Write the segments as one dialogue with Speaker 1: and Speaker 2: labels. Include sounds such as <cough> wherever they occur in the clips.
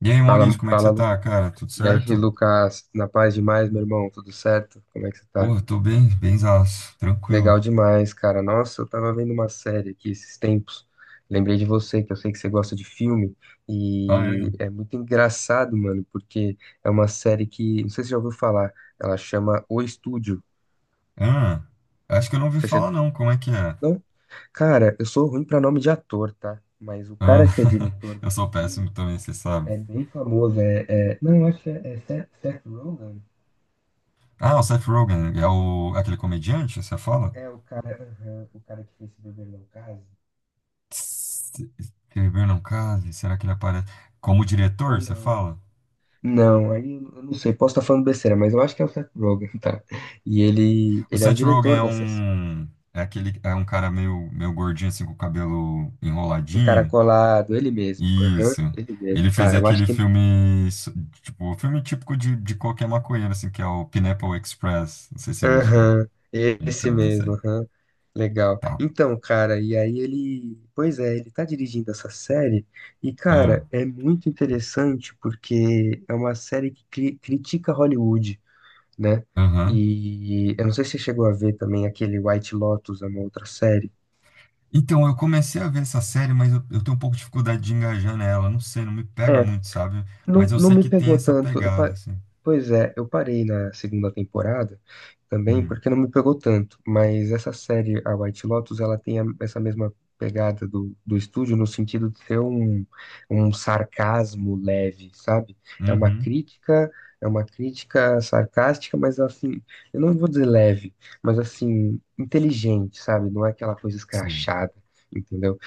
Speaker 1: E aí,
Speaker 2: Fala,
Speaker 1: Maurício, como é que você
Speaker 2: fala, Lu-
Speaker 1: tá, cara? Tudo
Speaker 2: e aí,
Speaker 1: certo?
Speaker 2: Lucas, na paz demais, meu irmão, tudo certo? Como é que você tá?
Speaker 1: Porra, tô bem, benzaço, tranquilo.
Speaker 2: Legal demais, cara. Nossa, eu tava vendo uma série aqui esses tempos. Lembrei de você, que eu sei que você gosta de filme,
Speaker 1: Ah, é?
Speaker 2: e é muito engraçado, mano, porque é uma série que, não sei se você já ouviu falar, ela chama O Estúdio.
Speaker 1: Ah, acho que eu não ouvi
Speaker 2: Você
Speaker 1: falar
Speaker 2: chegou?
Speaker 1: não, como é que é?
Speaker 2: Não? Cara, eu sou ruim pra nome de ator, tá? Mas o
Speaker 1: Ah,
Speaker 2: cara que é
Speaker 1: <laughs>
Speaker 2: diretor
Speaker 1: eu
Speaker 2: desse
Speaker 1: sou
Speaker 2: filme
Speaker 1: péssimo também, você sabe.
Speaker 2: é bem famoso, não, eu acho que é, é Seth Rogen.
Speaker 1: Ah, o Seth Rogen, é o, aquele comediante, você fala?
Speaker 2: É o cara, aham, o cara que fez Se Beber Não Case?
Speaker 1: Se Beber não case, será que ele aparece? Como diretor,
Speaker 2: Ou
Speaker 1: você
Speaker 2: não?
Speaker 1: fala?
Speaker 2: Não, aí eu não sei, posso estar falando besteira, mas eu acho que é o Seth Rogen, tá? E ele,
Speaker 1: O
Speaker 2: ele é o
Speaker 1: Seth Rogen
Speaker 2: diretor
Speaker 1: é
Speaker 2: dessas.
Speaker 1: um, é aquele, é um cara meio, meio gordinho, assim, com o cabelo enroladinho.
Speaker 2: Encaracolado, ele mesmo. Aham,
Speaker 1: Isso.
Speaker 2: ele mesmo.
Speaker 1: Ele fez
Speaker 2: Tá, eu acho
Speaker 1: aquele
Speaker 2: que.
Speaker 1: filme, tipo, o filme típico de qualquer maconheiro, assim, que é o Pineapple Express. Não sei se você viu esse filme.
Speaker 2: Aham, esse
Speaker 1: Então, é isso aí.
Speaker 2: mesmo, aham. Legal.
Speaker 1: Tá.
Speaker 2: Então, cara, e aí ele. Pois é, ele tá dirigindo essa série, e,
Speaker 1: Ah,
Speaker 2: cara, é muito interessante porque é uma série que critica Hollywood, né?
Speaker 1: aham.
Speaker 2: E eu não sei se você chegou a ver também aquele White Lotus, é uma outra série.
Speaker 1: Então, eu comecei a ver essa série, mas eu tenho um pouco de dificuldade de engajar nela. Não sei, não me pega
Speaker 2: É,
Speaker 1: muito, sabe?
Speaker 2: não,
Speaker 1: Mas eu
Speaker 2: não
Speaker 1: sei
Speaker 2: me
Speaker 1: que tem
Speaker 2: pegou
Speaker 1: essa
Speaker 2: tanto.
Speaker 1: pegada, assim.
Speaker 2: Pois é, eu parei na segunda temporada também
Speaker 1: Hum.
Speaker 2: porque não me pegou tanto. Mas essa série, a White Lotus, ela tem essa mesma pegada do, do estúdio no sentido de ter um, um sarcasmo leve, sabe? É uma
Speaker 1: Uhum.
Speaker 2: crítica, é uma crítica sarcástica, mas assim, eu não vou dizer leve, mas assim, inteligente, sabe? Não é aquela coisa
Speaker 1: Sim.
Speaker 2: escrachada, entendeu?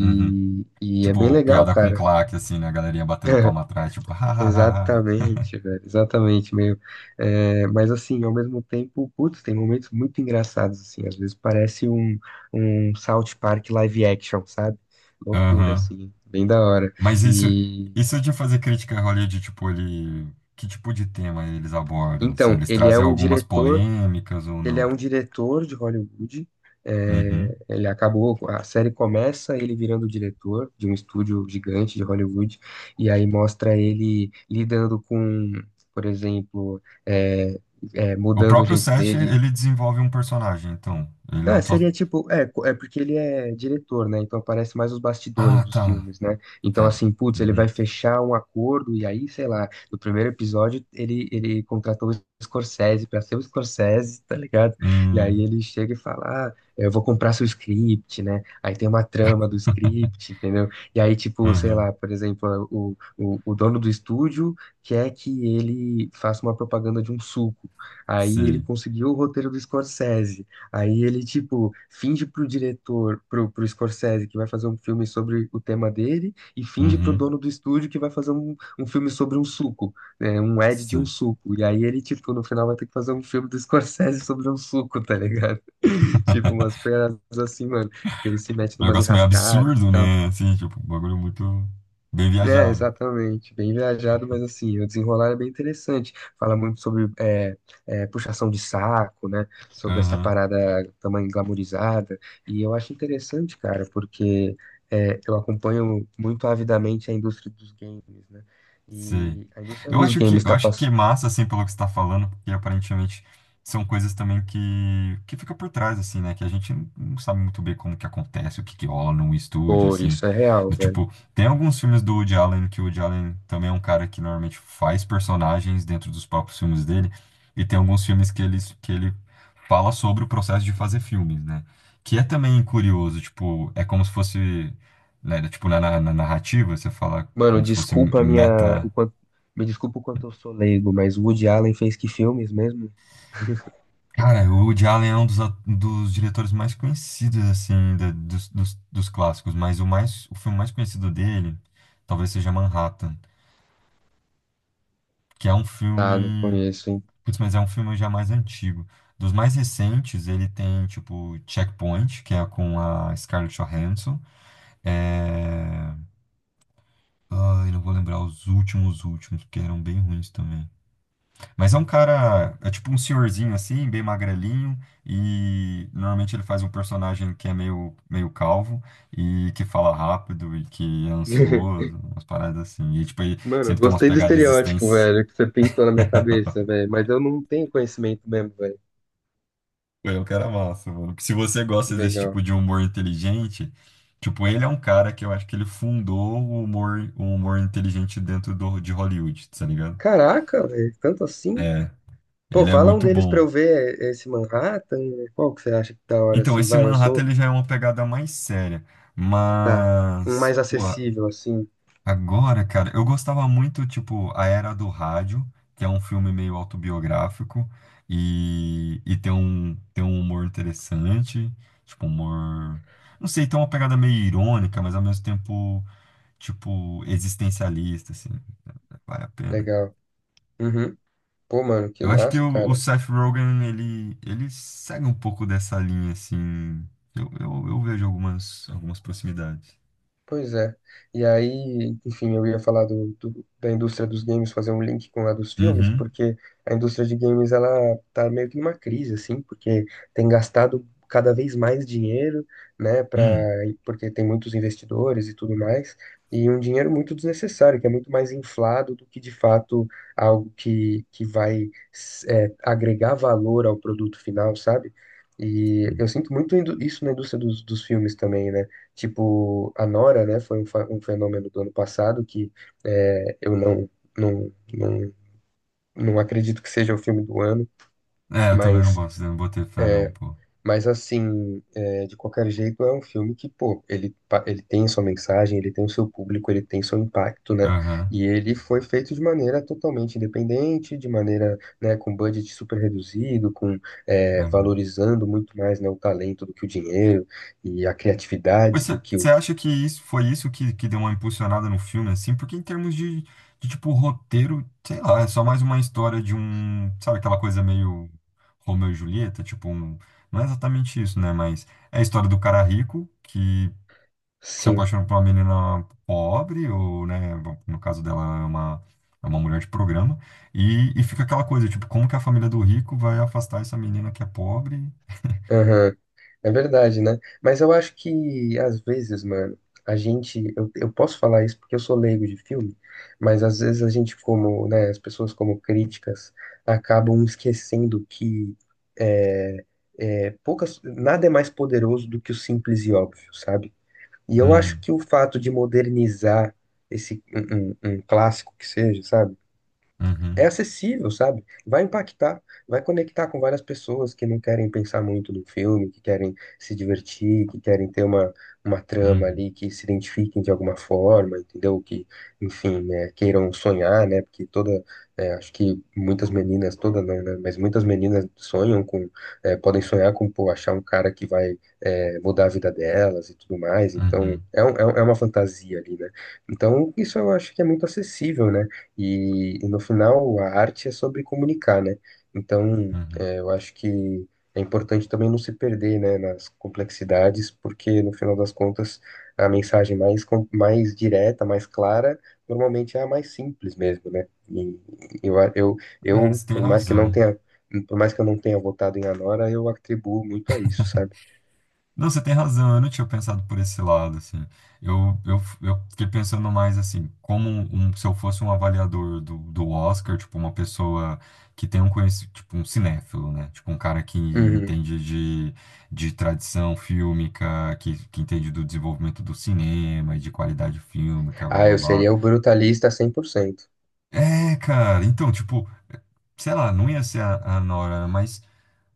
Speaker 1: Uhum.
Speaker 2: e é bem
Speaker 1: Tipo,
Speaker 2: legal,
Speaker 1: piada com
Speaker 2: cara.
Speaker 1: claque, assim, né? A galerinha batendo palma atrás, tipo, <laughs> ha, ha, ha, ha.
Speaker 2: Exatamente, velho, exatamente, meio. É, mas assim, ao mesmo tempo, putz, tem momentos muito engraçados, assim, às vezes parece um, um South Park live action, sabe? Loucura,
Speaker 1: Aham.
Speaker 2: assim, bem da hora.
Speaker 1: Mas isso,
Speaker 2: E
Speaker 1: isso de fazer crítica a Hollywood, tipo, ele, que tipo de tema eles abordam, assim,
Speaker 2: então,
Speaker 1: eles
Speaker 2: ele é
Speaker 1: trazem
Speaker 2: um
Speaker 1: algumas
Speaker 2: diretor.
Speaker 1: polêmicas ou
Speaker 2: Ele
Speaker 1: não?
Speaker 2: é um diretor de Hollywood.
Speaker 1: Uhum.
Speaker 2: É, ele acabou, a série começa ele virando diretor de um estúdio gigante de Hollywood, e aí mostra ele lidando com, por exemplo,
Speaker 1: O
Speaker 2: mudando o
Speaker 1: próprio
Speaker 2: jeito
Speaker 1: Seth,
Speaker 2: dele.
Speaker 1: ele desenvolve um personagem, então, ele
Speaker 2: Ah,
Speaker 1: não só...
Speaker 2: seria tipo, é, é porque ele é diretor, né? Então aparece mais os bastidores
Speaker 1: Ah,
Speaker 2: dos
Speaker 1: tá,
Speaker 2: filmes, né? Então,
Speaker 1: tá.
Speaker 2: assim, putz, ele vai
Speaker 1: Uhum.
Speaker 2: fechar um acordo e aí, sei lá, no primeiro episódio ele contratou o Scorsese pra ser o Scorsese, tá ligado? E aí
Speaker 1: Hum,
Speaker 2: ele chega e fala, ah, eu vou comprar seu script, né? Aí tem uma trama do script, entendeu? E aí, tipo, sei
Speaker 1: uhum.
Speaker 2: lá, por exemplo, o dono do estúdio quer que ele faça uma propaganda de um suco. Aí ele
Speaker 1: Sei.
Speaker 2: conseguiu o roteiro do Scorsese. Aí ele, tipo, finge pro diretor, pro Scorsese, que vai fazer um filme sobre o tema dele, e finge pro
Speaker 1: Uhum.
Speaker 2: dono do estúdio que vai fazer um, um filme sobre um suco, né? Um ad de um
Speaker 1: Sei.
Speaker 2: suco. E aí ele, tipo, no final vai ter que fazer um filme do <laughs> Scorsese sobre um suco, tá ligado? <laughs> Tipo, umas peças assim, mano, que ele se mete
Speaker 1: É um
Speaker 2: numas
Speaker 1: negócio meio
Speaker 2: enrascadas e
Speaker 1: absurdo,
Speaker 2: tal.
Speaker 1: né? Assim, tipo, um bagulho muito bem
Speaker 2: É,
Speaker 1: viajado.
Speaker 2: exatamente. Bem viajado, mas assim, o desenrolar é bem interessante. Fala muito sobre é, puxação de saco, né? Sobre essa
Speaker 1: Uhum.
Speaker 2: parada também glamourizada. E eu acho interessante, cara, porque é, eu acompanho muito avidamente a indústria dos games, né?
Speaker 1: Sim.
Speaker 2: E a indústria
Speaker 1: Eu
Speaker 2: dos
Speaker 1: acho que
Speaker 2: games
Speaker 1: eu
Speaker 2: tá
Speaker 1: acho que
Speaker 2: passando
Speaker 1: é massa assim pelo que você está falando, porque aparentemente são coisas também que fica por trás assim, né, que a gente não sabe muito bem como que acontece, o que que rola num estúdio
Speaker 2: por
Speaker 1: assim,
Speaker 2: isso, é real,
Speaker 1: do
Speaker 2: velho.
Speaker 1: tipo, tem alguns filmes do Woody Allen que o Woody Allen também é um cara que normalmente faz personagens dentro dos próprios filmes dele, e tem alguns filmes que ele fala sobre o processo de fazer filmes, né? Que é também curioso, tipo, é como se fosse né, tipo, na narrativa, você fala
Speaker 2: Mano,
Speaker 1: como se fosse
Speaker 2: desculpa a minha. O
Speaker 1: meta.
Speaker 2: quanto, me desculpa o quanto eu sou leigo, mas o Woody Allen fez que filmes mesmo?
Speaker 1: Cara, o Woody Allen é um dos, dos diretores mais conhecidos, assim, dos clássicos, mas o mais, o filme mais conhecido dele talvez seja Manhattan, que é um
Speaker 2: Tá, não
Speaker 1: filme,
Speaker 2: conheço, hein?
Speaker 1: putz, mas é um filme já mais antigo. Dos mais recentes, ele tem, tipo, Checkpoint, que é com a Scarlett Johansson. É... Ai, não vou lembrar os últimos, porque eram bem ruins também. Mas é um cara, é tipo um senhorzinho assim, bem magrelinho, e normalmente ele faz um personagem que é meio, meio calvo e que fala rápido e que é
Speaker 2: <laughs>
Speaker 1: ansioso, umas paradas assim. E tipo, ele
Speaker 2: Mano,
Speaker 1: sempre tem umas
Speaker 2: gostei do
Speaker 1: pegadas
Speaker 2: estereótipo,
Speaker 1: existências.
Speaker 2: velho, que você pintou na minha cabeça, velho. Mas eu não tenho conhecimento mesmo, velho.
Speaker 1: Pô, é um cara massa, mano. Porque se você
Speaker 2: Que
Speaker 1: gosta desse tipo
Speaker 2: legal.
Speaker 1: de humor inteligente, tipo, ele é um cara que eu acho que ele fundou o humor inteligente dentro do, de Hollywood, tá ligado?
Speaker 2: Caraca, velho, tanto assim? Pô,
Speaker 1: Ele é
Speaker 2: fala um
Speaker 1: muito
Speaker 2: deles pra
Speaker 1: bom.
Speaker 2: eu ver é, esse Manhattan, né? Qual que você acha que da hora,
Speaker 1: Então,
Speaker 2: assim?
Speaker 1: esse
Speaker 2: Vai, eu
Speaker 1: Manhattan
Speaker 2: sou.
Speaker 1: ele já é uma pegada mais séria.
Speaker 2: Tá. Um
Speaker 1: Mas,
Speaker 2: mais
Speaker 1: pô,
Speaker 2: acessível, assim.
Speaker 1: agora, cara, eu gostava muito, tipo, A Era do Rádio, que é um filme meio autobiográfico e, e tem um humor interessante, tipo, humor. Não sei, tem uma pegada meio irônica, mas ao mesmo tempo, tipo, existencialista, assim, vale a pena.
Speaker 2: Legal. Uhum. Pô, mano, que
Speaker 1: Eu acho que
Speaker 2: massa,
Speaker 1: o
Speaker 2: cara.
Speaker 1: Seth Rogen, ele segue um pouco dessa linha, assim. Eu vejo algumas, algumas proximidades.
Speaker 2: Pois é. E aí, enfim, eu ia falar do, da indústria dos games, fazer um link com a dos filmes,
Speaker 1: Uhum.
Speaker 2: porque a indústria de games, ela tá meio que numa crise, assim, porque tem gastado cada vez mais dinheiro, né, pra,
Speaker 1: Hum.
Speaker 2: porque tem muitos investidores e tudo mais, e um dinheiro muito desnecessário, que é muito mais inflado do que, de fato, algo que vai, é, agregar valor ao produto final, sabe? E eu sinto muito isso na indústria dos, dos filmes também, né? Tipo, a Nora, né, foi um, um fenômeno do ano passado que é, eu não, não, não, não acredito que seja o filme do ano,
Speaker 1: É, eu também não
Speaker 2: mas,
Speaker 1: gosto, eu não botei fé, não, pô.
Speaker 2: mas assim, é, de qualquer jeito, é um filme que, pô, ele, ele tem sua mensagem, ele tem o seu público, ele tem seu impacto, né?
Speaker 1: Aham.
Speaker 2: E ele foi feito de maneira totalmente independente, de maneira, né, com budget super reduzido, com, é,
Speaker 1: Uhum.
Speaker 2: valorizando muito mais, né, o talento do que o dinheiro e a criatividade
Speaker 1: Mas
Speaker 2: do que
Speaker 1: você
Speaker 2: o.
Speaker 1: acha que isso foi isso que deu uma impulsionada no filme, assim? Porque em termos de, tipo, roteiro, sei lá, é só mais uma história de um, sabe, aquela coisa meio Romeu e Julieta, tipo, não é exatamente isso, né? Mas é a história do cara rico que se
Speaker 2: Sim.
Speaker 1: apaixona por uma menina pobre, ou, né, bom, no caso dela é uma mulher de programa, e fica aquela coisa, tipo, como que a família do rico vai afastar essa menina que é pobre?
Speaker 2: Aham. É verdade, né? Mas eu acho que, às vezes, mano, a gente. Eu posso falar isso porque eu sou leigo de filme, mas às vezes a gente, como, né, as pessoas como críticas, acabam esquecendo que é, é, poucas, nada é mais poderoso do que o simples e óbvio, sabe? E eu acho
Speaker 1: Hum,
Speaker 2: que o fato de modernizar esse um, um clássico que seja, sabe?
Speaker 1: uhum,
Speaker 2: É acessível, sabe? Vai impactar, vai conectar com várias pessoas que não querem pensar muito no filme, que querem se divertir, que querem ter uma trama
Speaker 1: uhum,
Speaker 2: ali, que se identifiquem de alguma forma, entendeu? Que, enfim, né, queiram sonhar, né? Porque toda, é, acho que muitas meninas, toda não, né? Mas muitas meninas sonham com, é, podem sonhar com, pô, achar um cara que vai, é, mudar a vida delas e tudo mais. Então,
Speaker 1: uhum,
Speaker 2: é, é é uma fantasia ali, né? Então, isso eu acho que é muito acessível, né? E no final, a arte é sobre comunicar, né? Então,
Speaker 1: uhum.
Speaker 2: é, eu acho que é importante também não se perder, né, nas complexidades, porque no final das contas, a mensagem mais, mais direta, mais clara, normalmente é a mais simples mesmo, né? E eu,
Speaker 1: É,
Speaker 2: eu,
Speaker 1: você tem
Speaker 2: por mais que não
Speaker 1: razão.
Speaker 2: tenha, por mais que eu não tenha votado em Anora, eu atribuo muito a isso, sabe?
Speaker 1: Não, você tem razão, eu não tinha pensado por esse lado, assim. Eu fiquei pensando mais, assim, como um, se eu fosse um avaliador do Oscar, tipo, uma pessoa que tem um conhecimento, tipo, um cinéfilo, né? Tipo, um cara que
Speaker 2: Uhum.
Speaker 1: entende de tradição fílmica, que entende do desenvolvimento do cinema e de qualidade fílmica, blá,
Speaker 2: Ah,
Speaker 1: blá,
Speaker 2: eu
Speaker 1: blá.
Speaker 2: seria o brutalista 100%.
Speaker 1: É, cara, então, tipo, sei lá, não ia ser a Nora, mas...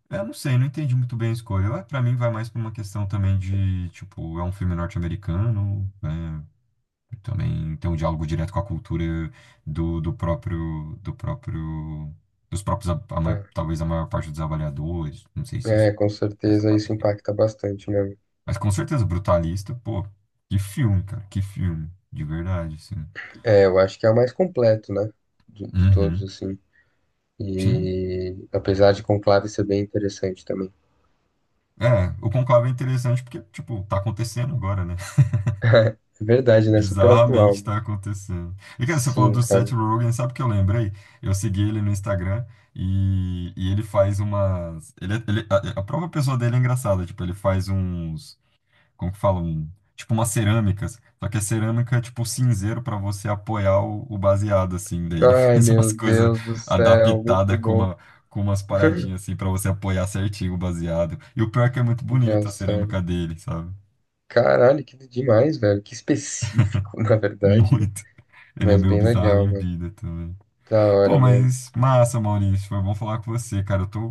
Speaker 1: Eu não sei, não entendi muito bem a escolha. Eu, pra mim vai mais pra uma questão também de, tipo, é um filme norte-americano, né? Também tem um diálogo direto com a cultura do, do próprio, dos próprios,
Speaker 2: Ah,
Speaker 1: talvez a maior parte dos avaliadores, não sei se isso,
Speaker 2: é, com
Speaker 1: dessa
Speaker 2: certeza isso
Speaker 1: maneira.
Speaker 2: impacta bastante, né?
Speaker 1: Mas com certeza, Brutalista, pô, que filme, cara, que filme, de verdade, assim.
Speaker 2: É, eu acho que é o mais completo, né? De todos,
Speaker 1: Uhum,
Speaker 2: assim.
Speaker 1: sim.
Speaker 2: E apesar de Conclave ser bem interessante também.
Speaker 1: É, o Conclave é interessante porque, tipo, tá acontecendo agora, né?
Speaker 2: É verdade, né? Super atual,
Speaker 1: Bizarramente tá
Speaker 2: mano.
Speaker 1: acontecendo. E cara, você falou
Speaker 2: Sim,
Speaker 1: do Seth
Speaker 2: cara.
Speaker 1: Rogen, sabe o que eu lembrei? Eu segui ele no Instagram e ele faz umas. Ele, é, a própria pessoa dele é engraçada, tipo, ele faz uns. Como que fala? Um, tipo, umas cerâmicas. Só que a cerâmica é tipo cinzeiro pra você apoiar o baseado, assim. Daí ele <laughs>
Speaker 2: Ai,
Speaker 1: faz umas
Speaker 2: meu
Speaker 1: coisas
Speaker 2: Deus do céu, muito
Speaker 1: adaptadas com
Speaker 2: bom.
Speaker 1: uma. Com umas paradinhas assim pra você apoiar certinho o baseado. E o pior é que é muito bonito a
Speaker 2: Engraçado.
Speaker 1: cerâmica dele, sabe?
Speaker 2: Caralho, que demais, velho. Que específico, <laughs> na
Speaker 1: <laughs>
Speaker 2: verdade, né?
Speaker 1: Muito. Ele é
Speaker 2: Mas
Speaker 1: meio
Speaker 2: bem
Speaker 1: bizarro
Speaker 2: legal,
Speaker 1: em
Speaker 2: mano.
Speaker 1: vida também.
Speaker 2: Da hora,
Speaker 1: Pô,
Speaker 2: mano.
Speaker 1: mas massa, Maurício. Foi bom falar com você, cara.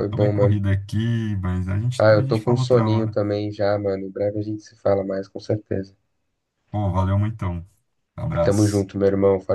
Speaker 1: Eu tô
Speaker 2: bom,
Speaker 1: meio
Speaker 2: mano.
Speaker 1: corrido aqui, mas
Speaker 2: Ah,
Speaker 1: a
Speaker 2: eu tô
Speaker 1: gente
Speaker 2: com
Speaker 1: fala outra
Speaker 2: soninho
Speaker 1: hora.
Speaker 2: também já, mano. Em breve a gente se fala mais, com certeza.
Speaker 1: Pô, valeu muito. Então.
Speaker 2: Tamo
Speaker 1: Abraço.
Speaker 2: junto, meu irmão.